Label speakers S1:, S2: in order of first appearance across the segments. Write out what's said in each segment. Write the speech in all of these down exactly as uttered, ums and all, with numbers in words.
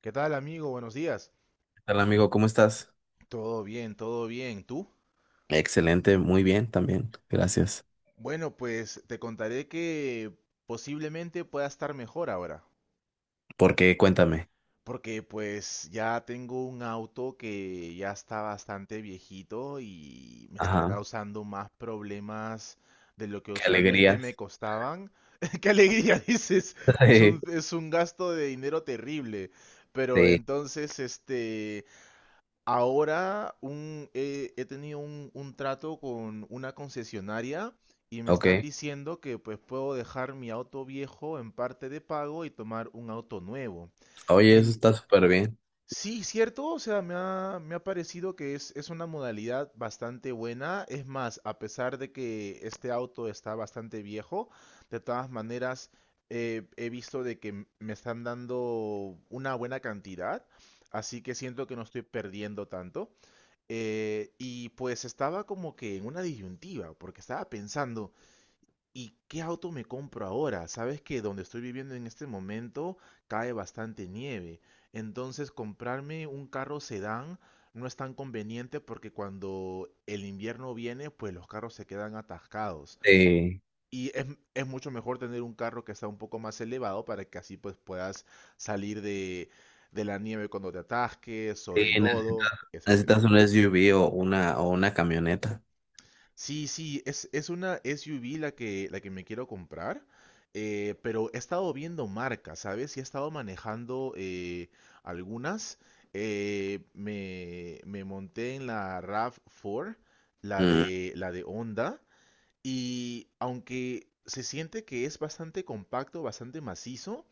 S1: ¿Qué tal, amigo? Buenos días.
S2: Hola amigo, ¿cómo estás?
S1: Todo bien, todo bien. ¿Tú?
S2: Excelente, muy bien también, gracias.
S1: Bueno, pues te contaré que posiblemente pueda estar mejor ahora,
S2: ¿Por qué? Cuéntame.
S1: porque pues ya tengo un auto que ya está bastante viejito y me está
S2: Ajá,
S1: causando más problemas de lo que
S2: qué
S1: usualmente me
S2: alegrías.
S1: costaban. ¡Qué alegría! Dices, es
S2: Sí,
S1: un, es un gasto de dinero terrible. Pero
S2: sí.
S1: entonces, este, ahora un- eh, he tenido un, un trato con una concesionaria, y me
S2: Ok.
S1: están diciendo que pues puedo dejar mi auto viejo en parte de pago y tomar un auto nuevo.
S2: Oye, eso
S1: En,
S2: está súper bien.
S1: sí, cierto, o sea, me ha, me ha parecido que es, es una modalidad bastante buena. Es más, a pesar de que este auto está bastante viejo, de todas maneras eh, he visto de que m- me están dando una buena cantidad, así que siento que no estoy perdiendo tanto. Eh, y pues estaba como que en una disyuntiva, porque estaba pensando, ¿y qué auto me compro ahora? Sabes que donde estoy viviendo en este momento cae bastante nieve, entonces comprarme un carro sedán no es tan conveniente porque cuando el invierno viene, pues los carros se quedan atascados.
S2: Sí,
S1: Y es, es mucho mejor tener un carro que está un poco más elevado para que así pues puedas salir de, de la nieve cuando te atasques o
S2: sí,
S1: de
S2: neces-
S1: lodo, etcétera.
S2: necesitas un S U V o una, o una camioneta.
S1: Sí, sí, es, es una S U V la que, la que me quiero comprar, eh, pero he estado viendo marcas, ¿sabes? Y he estado manejando eh, algunas. Eh, me, me monté en la rav cuatro, la
S2: Mm,
S1: de, la de Honda, y aunque se siente que es bastante compacto, bastante macizo,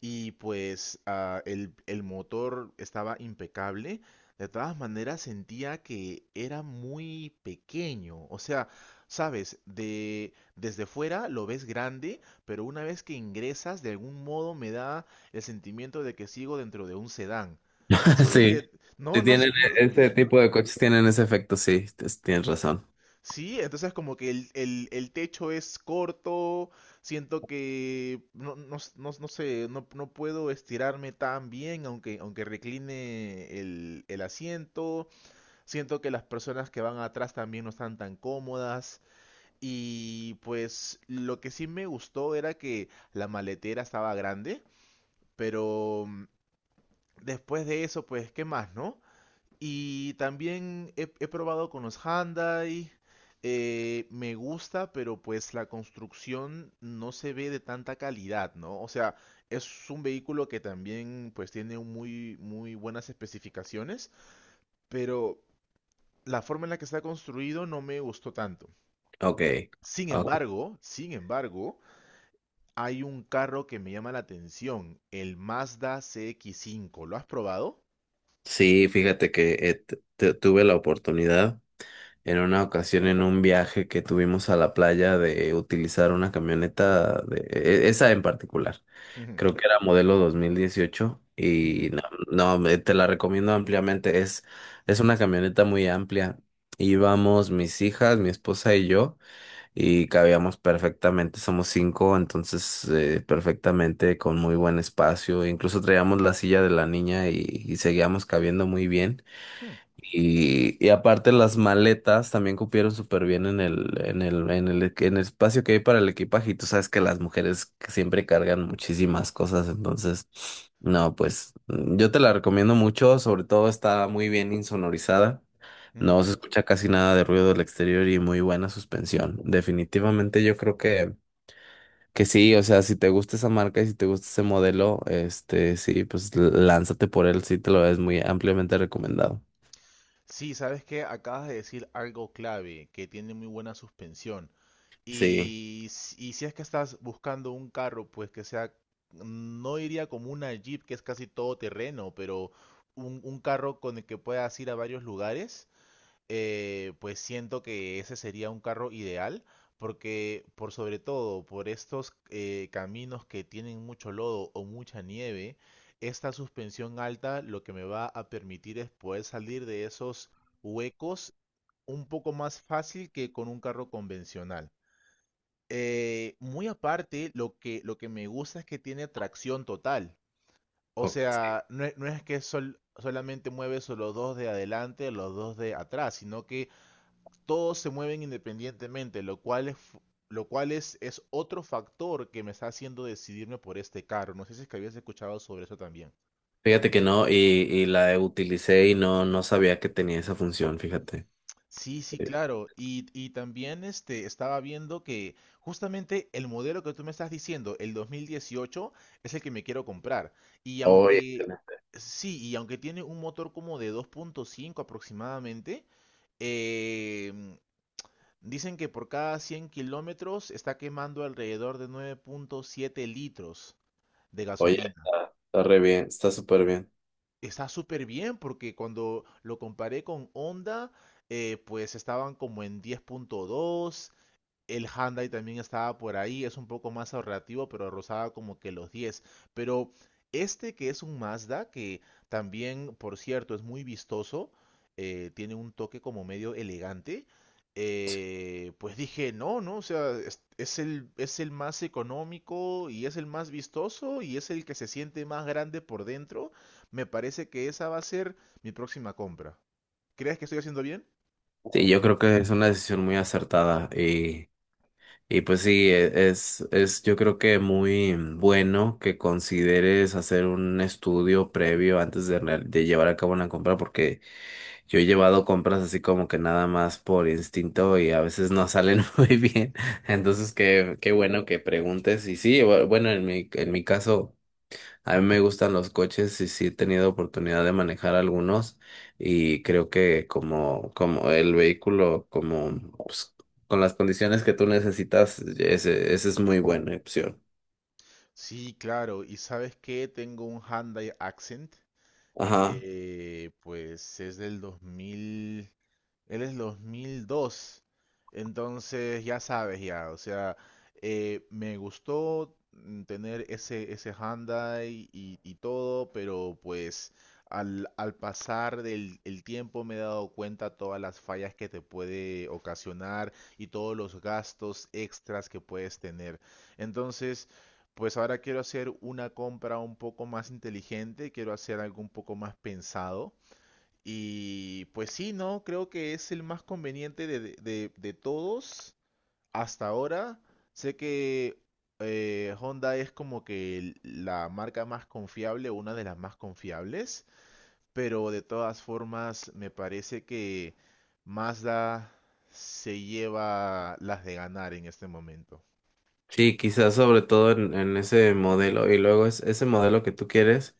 S1: y pues ah, el, el motor estaba impecable, de todas maneras sentía que era muy pequeño. O sea, sabes, de, desde fuera lo ves grande, pero una vez que ingresas, de algún modo me da el sentimiento de que sigo dentro de un sedán. No sé si es
S2: Sí,
S1: que... No,
S2: si
S1: no, s-
S2: tienen
S1: no.
S2: e- este tipo de coches, tienen ese efecto, sí, tes- tienes razón.
S1: Sí, entonces como que el, el- el techo es corto, siento que no, no, s- no, no sé, no, no puedo estirarme tan bien aunque, aunque recline el, el asiento, siento que las personas que van atrás también no están tan cómodas, y pues lo que sí me gustó era que la maletera estaba grande, pero mm, después de eso pues, ¿qué más, no? Y también he, he probado con los Hyundai. Eh, me gusta, pero pues la construcción no se ve de tanta calidad, ¿no? O sea, es un vehículo que también pues tiene un muy, muy buenas especificaciones, pero la forma en la que está construido no me gustó tanto.
S2: Ok.
S1: Sin
S2: Ok.
S1: embargo, sin embargo, hay un carro que me llama la atención, el Mazda C X cinco. ¿Lo has probado?
S2: Sí, fíjate que eh, t- t- tuve la oportunidad en una ocasión en un viaje que tuvimos a la playa de utilizar una camioneta de e- esa en particular.
S1: Ujú,
S2: Creo que era modelo dos mil dieciocho
S1: ujú,
S2: y no, no, me- te la recomiendo ampliamente. Es, es una camioneta muy amplia. Íbamos mis hijas, mi esposa y yo y cabíamos perfectamente. Somos cinco, entonces eh, perfectamente con muy buen espacio. Incluso traíamos la silla de la niña y, y seguíamos cabiendo muy bien.
S1: ujú,
S2: Y, y aparte las maletas también cupieron súper bien en el, en el, en el, en el espacio que hay para el equipaje. Y tú sabes que las mujeres siempre cargan muchísimas cosas, entonces, no, pues mm, yo te la recomiendo mucho, sobre todo está muy bien insonorizada.
S1: ujú.
S2: No se escucha casi nada de ruido del exterior y muy buena suspensión. Definitivamente yo creo que, que sí, o sea, si te gusta esa marca y si te gusta ese modelo, este, sí, pues lánzate por él, sí te lo es muy ampliamente recomendado.
S1: Sí, sabes que acabas de decir algo clave, que tiene muy buena suspensión.
S2: Sí.
S1: Y, s- y si es que estás buscando un carro, pues que sea, no diría como una Jeep, que es casi todo terreno, pero un, un carro con el que puedas ir a varios lugares, eh, pues siento que ese sería un carro ideal, porque por sobre todo por estos eh, caminos que tienen mucho lodo o mucha nieve, esta suspensión alta lo que me va a permitir es poder salir de esos huecos un poco más fácil que con un carro convencional. Eh, muy aparte, lo que, lo que me gusta es que tiene tracción total. O
S2: Oh,
S1: sea, no, es no es que sol- solamente mueves los dos de adelante o los dos de atrás, sino que todos se mueven independientemente, lo cual es, fu- lo cual es, es otro factor que me está haciendo decidirme por este carro. No sé si es que habías escuchado sobre eso también.
S2: fíjate que no, y, y la utilicé y no, no sabía que tenía esa función, fíjate.
S1: Sí, sí,
S2: Eh,
S1: claro. Y, y también este, estaba viendo que justamente el modelo que tú me estás diciendo, el dos mil dieciocho, es el que me quiero comprar. Y
S2: Oye,
S1: aunque,
S2: tela.
S1: sí, y aunque tiene un motor como de dos punto cinco aproximadamente, em, dicen que por cada cien kilómetros está quemando alrededor de nueve punto siete litros de
S2: Oye,
S1: gasolina.
S2: está, está re bien, está súper bien.
S1: Está súper bien porque cuando lo comparé con Honda, eh, pues estaban como en diez punto dos, el Hyundai también estaba por ahí, es un poco más ahorrativo, pero rozaba como que los diez. Pero este que es un Mazda, que también, por cierto, es muy vistoso, eh, tiene un toque como medio elegante, eh, pues dije, no, no, o sea, es, es el, es el más económico y es el más vistoso y es el que se siente más grande por dentro. Me parece que esa va a ser mi próxima compra. ¿Crees que estoy haciendo bien?
S2: Sí, yo creo que es una decisión muy acertada y, y pues sí, e- es, es yo creo que muy bueno que consideres hacer un estudio previo antes de, real- de llevar a cabo una compra porque yo he llevado compras así como que nada más por instinto y a veces no salen muy bien. Entonces, qué, qué bueno que preguntes. Y sí, bu- bueno, en mi, en mi caso, a mí me gustan los coches y sí he tenido oportunidad de manejar algunos. Y creo que como, como el vehículo, como pues, con las condiciones que tú necesitas, ese, ese es muy buena opción.
S1: Sí, claro. ¿Y sabes qué? Tengo un Hyundai Accent
S2: Ajá.
S1: de, pues es del dos mil él es dos mil dos. Entonces, ya sabes, ya. O sea, eh, me gustó mm, tener ese, ese Hyundai y, y todo, pero pues al, al pasar del el tiempo me he dado cuenta todas las fallas que te puede ocasionar y todos los gastos extras que puedes tener. Entonces, pues ahora quiero hacer una compra un poco más inteligente, quiero hacer algo un poco más pensado, y pues sí, ¿no? Creo que es el más conveniente de, de- de- de todos hasta ahora. Sé que eh, Honda es como que el- la marca más confiable, una de las más confiables, pero de todas formas me parece que Mazda se lleva las de ganar en este momento.
S2: Sí, quizás sobre todo en, en ese modelo. Y luego es ese modelo que tú quieres.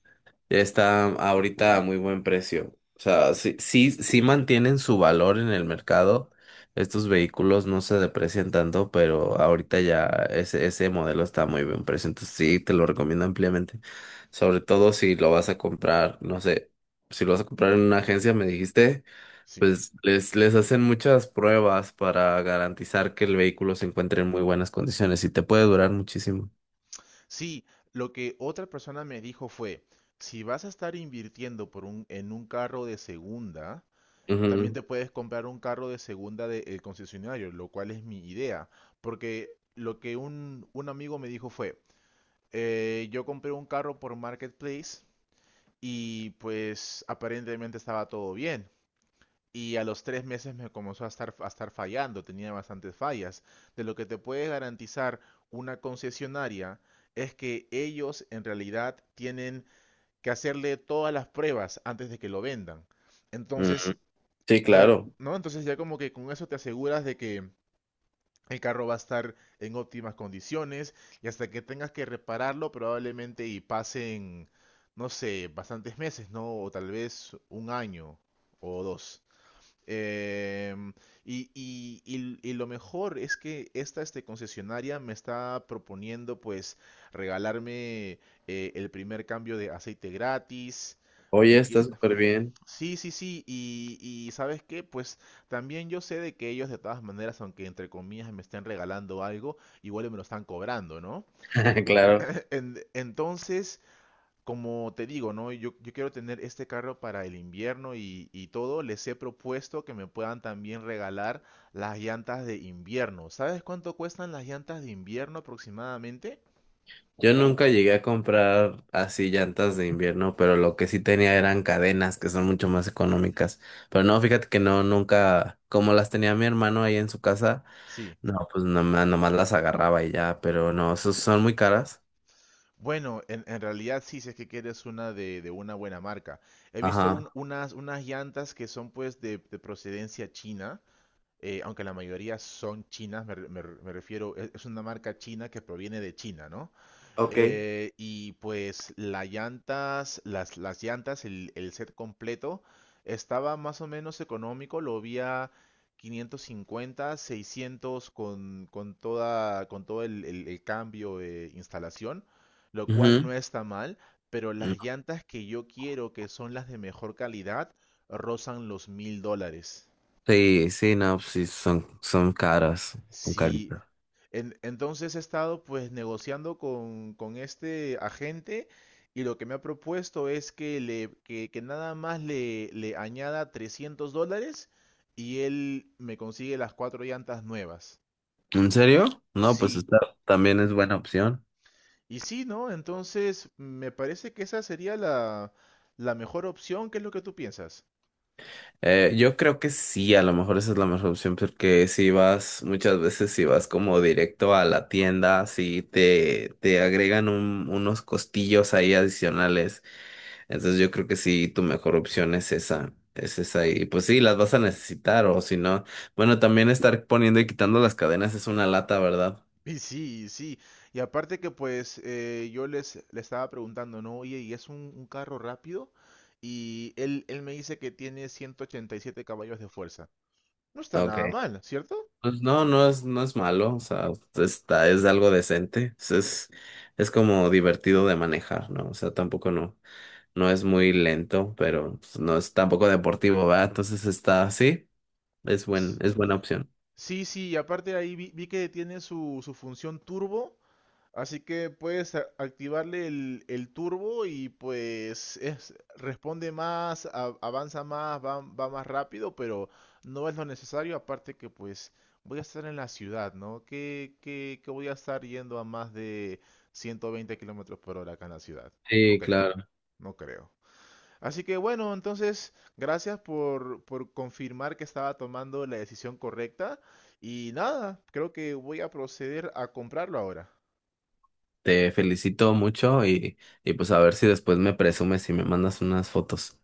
S2: Está ahorita a muy buen precio. O sea, sí, sí, sí mantienen su valor en el mercado. Estos vehículos no se deprecian tanto, pero ahorita ya ese, ese modelo está a muy buen precio. Entonces sí, te lo recomiendo ampliamente. Sobre todo si lo vas a comprar, no sé, si lo vas a comprar en una agencia, me dijiste,
S1: Sí.
S2: pues les, les hacen muchas pruebas para garantizar que el vehículo se encuentre en muy buenas condiciones y te puede durar muchísimo.
S1: Sí, lo que otra persona me dijo fue, si vas a estar invirtiendo por un, en un carro de segunda, también te puedes comprar un carro de segunda del concesionario, lo cual es mi idea, porque lo que un, un amigo me dijo fue, eh, yo compré un carro por Marketplace y pues aparentemente estaba todo bien. Y a los tres meses me comenzó a estar, a estar fallando, tenía bastantes fallas. De lo que te puede garantizar una concesionaria es que ellos en realidad tienen que hacerle todas las pruebas antes de que lo vendan.
S2: Ujú,
S1: Entonces,
S2: ujú. Sí,
S1: Da-
S2: claro.
S1: ¿no? Entonces ya como que con eso te aseguras de que el carro va a estar en óptimas condiciones y hasta que tengas que repararlo probablemente y pasen, no sé, bastantes meses, ¿no? O tal vez un año o dos. Em, y, y- y- y lo mejor es que esta este, concesionaria me está proponiendo pues regalarme eh, el primer cambio de aceite gratis.
S2: Oye,
S1: Me,
S2: está
S1: qui-
S2: súper bien.
S1: Sí, sí, sí, y, y ¿sabes qué? Pues también yo sé de que ellos de todas maneras, aunque entre comillas me estén regalando algo, igual me lo están cobrando, ¿no?
S2: Claro,
S1: En- entonces, como te digo, ¿no? Yo, yo quiero tener este carro para el invierno y, y todo, les he propuesto que me puedan también regalar las llantas de invierno. ¿Sabes cuánto cuestan las llantas de invierno aproximadamente?
S2: yo nunca llegué a comprar así llantas de invierno, pero lo que sí tenía eran cadenas que son mucho más económicas. Pero no, fíjate que no, nunca, como las tenía mi hermano ahí en su casa,
S1: Sí.
S2: no, pues nomás, nomás las agarraba y ya, pero no, esos son muy caras.
S1: Bueno, en, en realidad sí, si es que quieres una de, de una buena marca. He visto un-
S2: Ajá.
S1: unas, unas llantas que son pues de, de procedencia china, eh, aunque la mayoría son chinas, me, re- me re- me refiero, es, es una marca china que proviene de China, ¿no?
S2: Ok.
S1: Eh, y pues las llantas, las, las llantas, el, el set completo estaba más o menos económico, lo vi a quinientos cincuenta, seiscientos con, con toda, con todo el, el- el cambio de instalación, lo cual
S2: Ujú.
S1: no está mal, pero
S2: Mm.
S1: las llantas que yo quiero, que son las de mejor calidad, rozan los mil dólares.
S2: Sí, sí, no, pues sí, son, son caras, son
S1: Sí,
S2: caritas.
S1: En- entonces he estado pues negociando con, con este agente, y lo que me ha propuesto es que, le, que, que nada más le, le añada trescientos dólares y él me consigue las cuatro llantas nuevas.
S2: ¿En serio? No, pues
S1: Sí,
S2: esta también es buena opción.
S1: y sí, ¿no? Entonces me parece que esa sería la, la mejor opción. ¿Qué es lo que tú piensas?
S2: Eh, yo creo que sí, a lo mejor esa es la mejor opción, porque si vas, muchas veces si vas como directo a la tienda, si te, te agregan un- unos costillos ahí adicionales, entonces yo creo que sí, tu mejor opción es esa, es esa, y pues sí, las vas a necesitar, o si no, bueno, también estar poniendo y quitando las cadenas es una lata, ¿verdad?
S1: Y sí, y sí. Y aparte que pues eh, yo les, le estaba preguntando, ¿no? Oye, ¿y es un, un carro rápido? Y él, él me dice que tiene ciento ochenta y siete caballos de fuerza. No está
S2: Ah, ok.
S1: nada mal, ¿cierto?
S2: Pues no, no es, no es malo, o sea, está, es algo decente, es, es es como divertido de manejar, ¿no? O sea, tampoco no. No es muy lento, pero pues, no es tampoco deportivo, ¿verdad? Entonces está así. Es buen, es buena opción.
S1: Sí, sí, y aparte ahí vi, vi que tiene su, su función turbo, así que puedes a- activarle el, el turbo y pues es, responde más, a- avanza más, va, va más rápido, pero no es lo necesario, aparte que pues voy a estar en la ciudad, ¿no? Que, que, que voy a estar yendo a más de ciento veinte kilómetros por hora acá en la ciudad. No
S2: Sí,
S1: creo,
S2: claro.
S1: no creo. Así que bueno, entonces, gracias por, por confirmar que estaba tomando la decisión correcta. Y nada, creo que voy a proceder a comprarlo ahora.
S2: Te felicito mucho y, y pues a ver si después me presumes y me mandas unas fotos.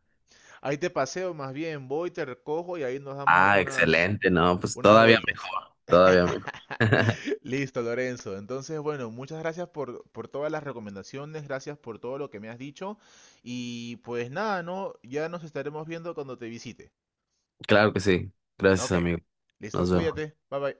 S1: Ahí te paseo, más bien, voy, te recojo y ahí nos damos
S2: Ah,
S1: unas,
S2: excelente, no, pues
S1: unas
S2: todavía
S1: vueltas.
S2: mejor, todavía mejor.
S1: Listo, Lorenzo. Entonces, bueno, muchas gracias por, por todas las recomendaciones, gracias por todo lo que me has dicho. Y pues nada, ¿no? Ya nos estaremos viendo cuando te visite.
S2: Claro que sí. Gracias,
S1: Ok.
S2: amigo.
S1: Listo,
S2: Nos vemos.
S1: cuídate. Bye bye.